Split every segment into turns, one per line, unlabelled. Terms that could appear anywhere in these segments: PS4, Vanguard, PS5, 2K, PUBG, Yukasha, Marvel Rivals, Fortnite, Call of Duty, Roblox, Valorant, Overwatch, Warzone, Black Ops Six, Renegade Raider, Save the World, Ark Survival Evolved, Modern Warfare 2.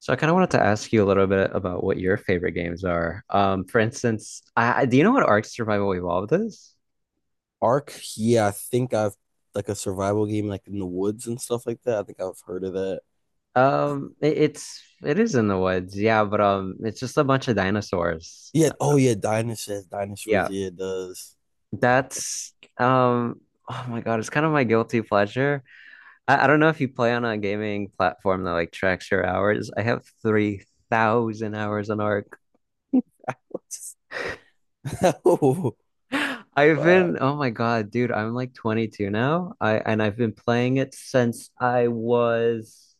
So I kind of wanted to ask you a little bit about what your favorite games are. For instance, do you know what Ark Survival Evolved is?
Ark, yeah, I think I've like a survival game like in the woods and stuff like that. I think I've heard of that.
It is in the woods, yeah, but it's just a bunch of dinosaurs.
Yeah, oh yeah, dinosaurs, dinosaurs,
Yeah,
yeah, it does.
that's um, oh my God, it's kind of my guilty pleasure. I don't know if you play on a gaming platform that like tracks your hours. I have 3,000 hours on Ark.
Oh, wow.
Oh my God, dude, I'm like 22 now. I and I've been playing it since I was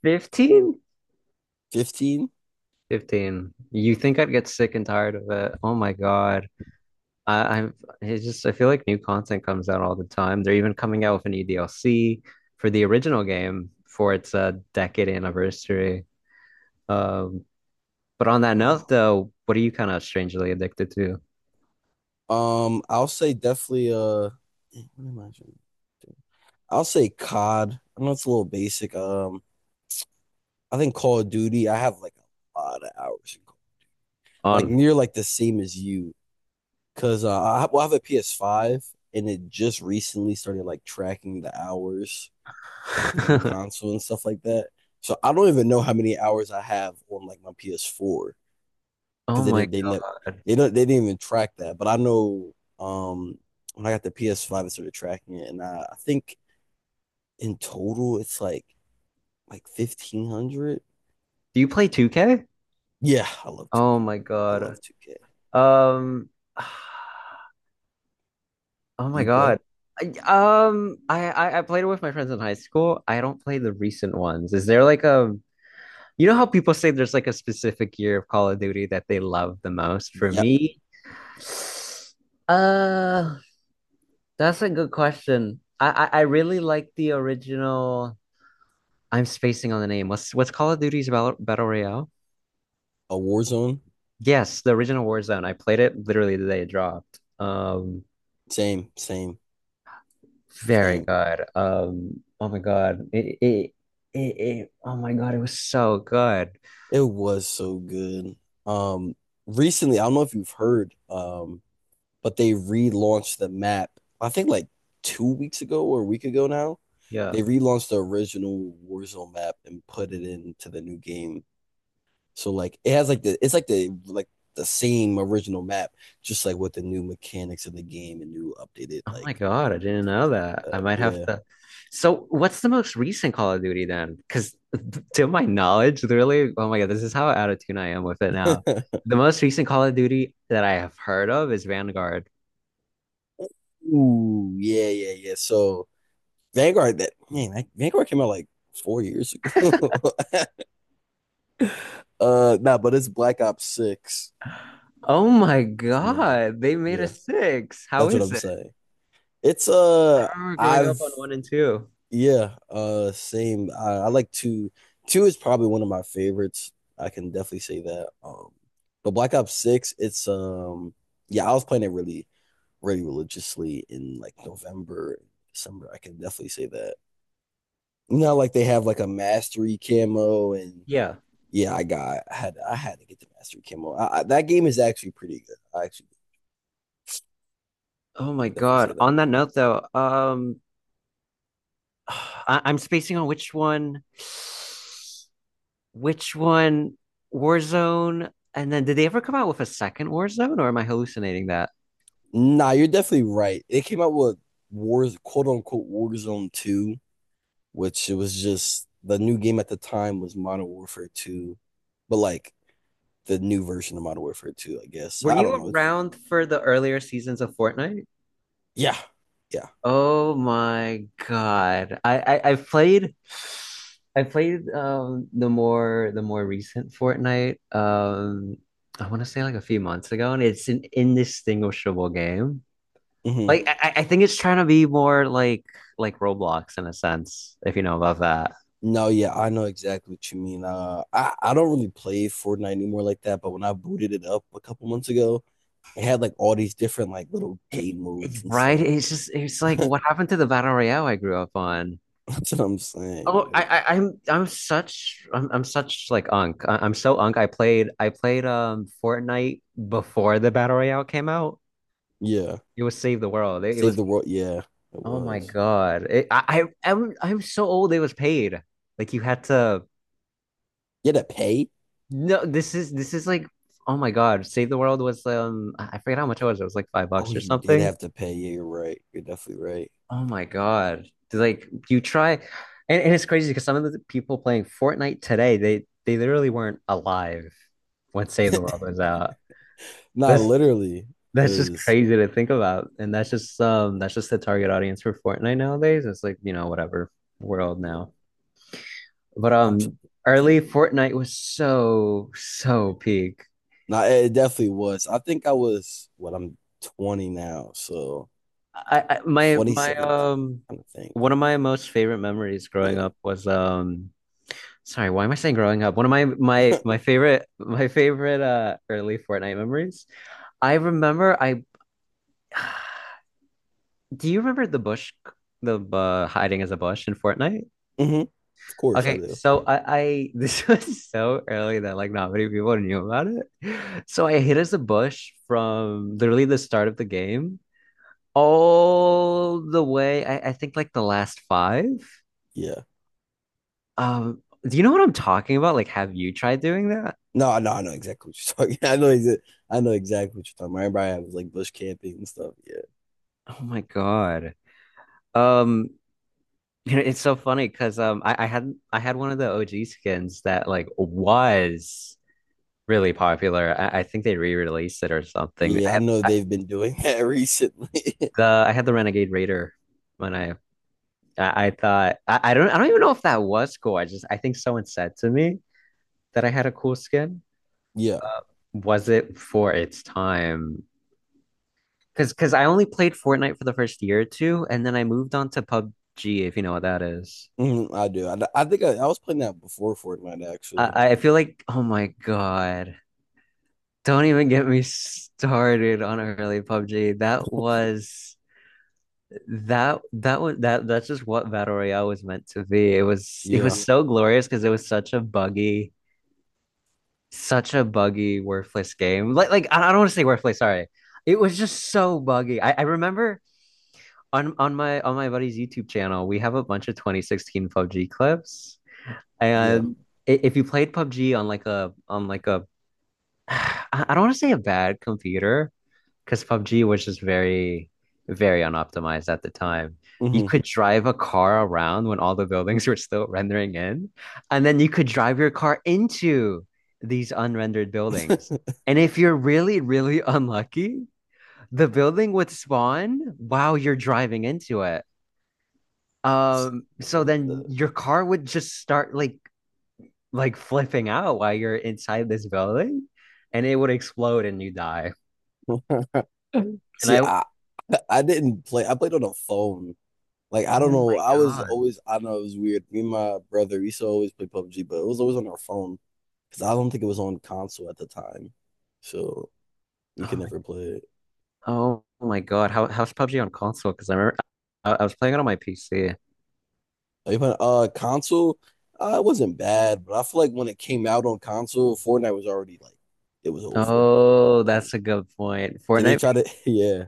15?
15?
15. You think I'd get sick and tired of it? Oh my God. I, I'm It's just I feel like new content comes out all the time. They're even coming out with a new DLC for the original game for its decade anniversary. Um, but on that note
Wow.
though, what are you kind of strangely addicted to?
I'll say definitely dang, what am I trying to do? I'll say COD. I know it's a little basic. I think Call of Duty, I have like a lot of hours in like
On
near like the same as you. Cause well, I have a PS5, and it just recently started like tracking the hours with the new console and stuff like that. So I don't even know how many hours I have on like my PS4 because
Oh
they
my
did they never
God.
they don't they didn't even track that. But I know um when I got the PS5, it started tracking it, and I think in total it's like 1,500.
Do you play 2K?
Yeah, I love
Oh
2K.
my
I
God.
love 2K.
Um, oh
Do
my
you play?
God. I, I played it with my friends in high school. I don't play the recent ones. Is there like a, You know how people say there's like a specific year of Call of Duty that they love the most? For
Yep.
me, uh, that's a good question. I really like the original. I'm spacing on the name. What's Call of Duty's Battle Royale?
A Warzone.
Yes, the original Warzone. I played it literally the day it dropped.
Same, same,
Very
same.
good. Oh my God. Oh my God, it was so good.
It was so good. Um, recently, I don't know if you've heard, but they relaunched the map. I think like 2 weeks ago or a week ago now.
Yeah.
They relaunched the original Warzone map and put it into the new game. So like it has like the same original map, just like with the new mechanics of the game and new updated
Oh my God, I didn't know that. I might have
yeah.
to. So, what's the most recent Call of Duty then? Because to my knowledge, literally, oh my God, this is how out of tune I am with it now. The most recent Call of Duty that I have heard of is Vanguard.
Ooh, yeah, yeah, yeah. So Vanguard that man, that, Vanguard came out like 4 years ago. Nah, but it's Black Ops Six.
Oh my
That's in there.
God, they made a
Yeah,
six. How
that's what
is
I'm
it?
saying. It's
I remember growing up
I've
on one and two.
yeah, same. I like two. Two is probably one of my favorites. I can definitely say that. But Black Ops Six, it's yeah, I was playing it really, really religiously in like November, December. I can definitely say that. You know, like they have like a mastery camo, and
Yeah.
yeah, I had to get the mastery camo. That game is actually pretty good. I actually
Oh my
could definitely say
God.
that.
On that note though, I'm spacing on which one, Warzone, and then did they ever come out with a second Warzone, or am I hallucinating that?
Nah, you're definitely right. They came out with quote unquote, Warzone 2, which it was just the new game at the time was Modern Warfare 2, but like the new version of Modern Warfare 2, I guess.
Were
I
you
don't know.
around for the earlier seasons of Fortnite?
Yeah, yeah.
Oh my God. I played the more recent Fortnite, I want to say like a few months ago and it's an indistinguishable game.
Hmm.
Like I think it's trying to be more like Roblox in a sense, if you know about that.
No, yeah, I know exactly what you mean. I don't really play Fortnite anymore like that, but when I booted it up a couple months ago, it had like all these different like little
It,
game modes and
right?
stuff.
It's like what happened to the battle royale I grew up on.
That's what I'm saying,
Oh, I,
dude.
I I'm I'm such I'm I'm such like unk. I'm so unk. I played Fortnite before the battle royale came out.
Yeah.
It was Save the World. It
Save
was
the World. Yeah, it
Oh my
was.
God. It, I I'm so old. It was paid. Like you had to.
You had to pay?
No, this is like, oh my God. Save the World was, I forget how much it was. It was like five
Oh,
bucks or
you did
something.
have to pay. Yeah, you're right. You're definitely right.
Oh my God. Like you try and it's crazy because some of the people playing Fortnite today, they literally weren't alive when Save the World was out.
Nah,
That's
literally,
that's just
because
crazy to think about. And that's just the target audience for Fortnite nowadays. It's like, whatever world
yeah,
now. But
I'm. tr- tr-
early Fortnite was so peak.
Nah, it definitely was. I think I was what I'm 20 now, so
I my my
2017, I think.
One of my most favorite memories growing
Yeah.
up was, sorry, why am I saying growing up? One of my my my favorite my favorite uh early Fortnite memories. I remember I Do you remember the bush, the hiding as a bush in Fortnite?
Hmm. Of course I
Okay,
do.
so I this was so early that like not many people knew about it. So I hid as a bush from literally the start of the game all the way. I think like the last five.
Yeah.
Do you know what I'm talking about? Like, have you tried doing that?
No, no, I know exactly what you're talking. I know exactly what you're talking about. Everybody was like bush camping and stuff. Yeah.
Oh my God. Um, it's so funny because I had one of the OG skins that like was really popular. I think they re-released it or something. I
Yeah, I
had
know
I,
they've been doing that recently.
the I had the Renegade Raider when I don't even know if that was cool. I think someone said to me that I had a cool skin.
Yeah.
Was it for its time? Because I only played Fortnite for the first year or two, and then I moved on to PUBG, if you know what that is.
Mhm, I do. I think I was playing that before Fortnite, actually.
I feel like, oh my God, don't even get me started on early PUBG. That was that that's just what Battle Royale was meant to be. It was it
Yeah,
was so glorious because it was such a buggy, worthless game. Like I don't want to say worthless, sorry. It was just so buggy. I remember on my buddy's YouTube channel, we have a bunch of 2016 PUBG clips.
yeah.
And if you played PUBG on I don't want to say a bad computer because PUBG was just very very unoptimized at the time. You
Hmm.
could drive a car around when all the buildings were still rendering in, and then you could drive your car into these unrendered buildings. And if you're really, really unlucky, the building would spawn while you're driving into it. So
What the?
then your car would just start like flipping out while you're inside this building and it would explode and you die. And
See,
I
I didn't play. I played on a phone. Like I don't
Oh
know.
my
I was
God.
always. I know it was weird. Me and my brother, we used to always play PUBG, but it was always on our phone because I don't think it was on console at the time, so we could
Oh my,
never play it.
oh my God. How's PUBG on console? Because I remember I was playing it on my PC.
Are you playing console? It wasn't bad, but I feel like when it came out on console, Fortnite was already like it was over.
Oh,
Did
that's a good point.
they
Fortnite
try to? Yeah.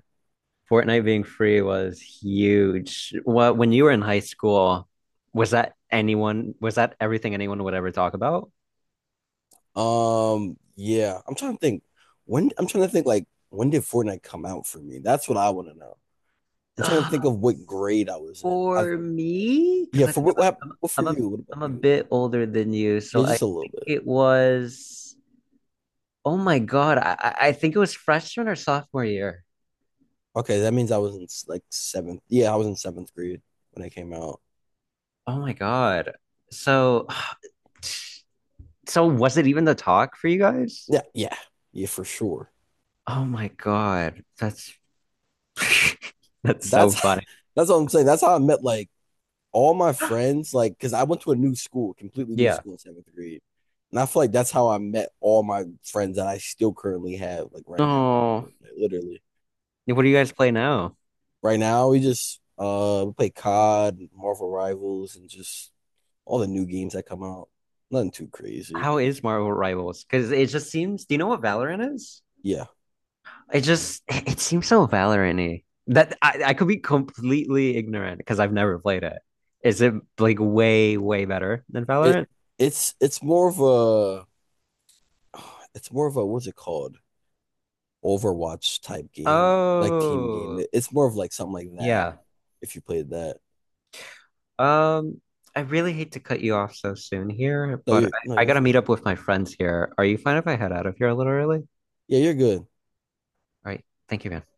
Fortnite being free was huge. What when you were in high school, was that everything anyone would ever talk about?
Yeah, I'm trying to think. When I'm trying to think, like, when did Fortnite come out for me? That's what I want to know. I'm trying to
Uh,
think of what grade I was in. I
for me,
yeah,
because I
for
think I'm
what
a,
hap-
I'm,
what for
I'm a
you? What about
I'm a
you?
bit older than you,
Yeah,
so I
just a little
think
bit.
it was. Oh my God, I think it was freshman or sophomore year.
Okay, that means I was in like seventh. Yeah, I was in seventh grade when it came out.
Oh my God. So, so was it even the talk for you guys?
Yeah, yeah, yeah, for sure.
Oh my God, that's
That's,
so funny.
that's what I'm saying. That's how I met like all my friends, like, because I went to a new school, completely new
Yeah.
school in seventh grade. And I feel like that's how I met all my friends that I still currently have, like right now.
Oh,
Literally.
what do you guys play now?
Right now, we just we play COD, Marvel Rivals, and just all the new games that come out. Nothing too crazy.
How is Marvel Rivals? Because it just seems. Do you know what Valorant is?
Yeah.
It seems so Valorant-y. That I could be completely ignorant because I've never played it. Is it like way, way better than
It
Valorant?
it's more of a it's more of a what's it called? Overwatch type game, like team game.
Oh,
It's more of like something like that
yeah.
if you played that.
Um, I really hate to cut you off so soon here,
No,
but
you're
I,
no,
I
you're
gotta
fine.
meet up with my friends here. Are you fine if I head out of here a little early? All
Yeah, you're good.
right. Thank you, man.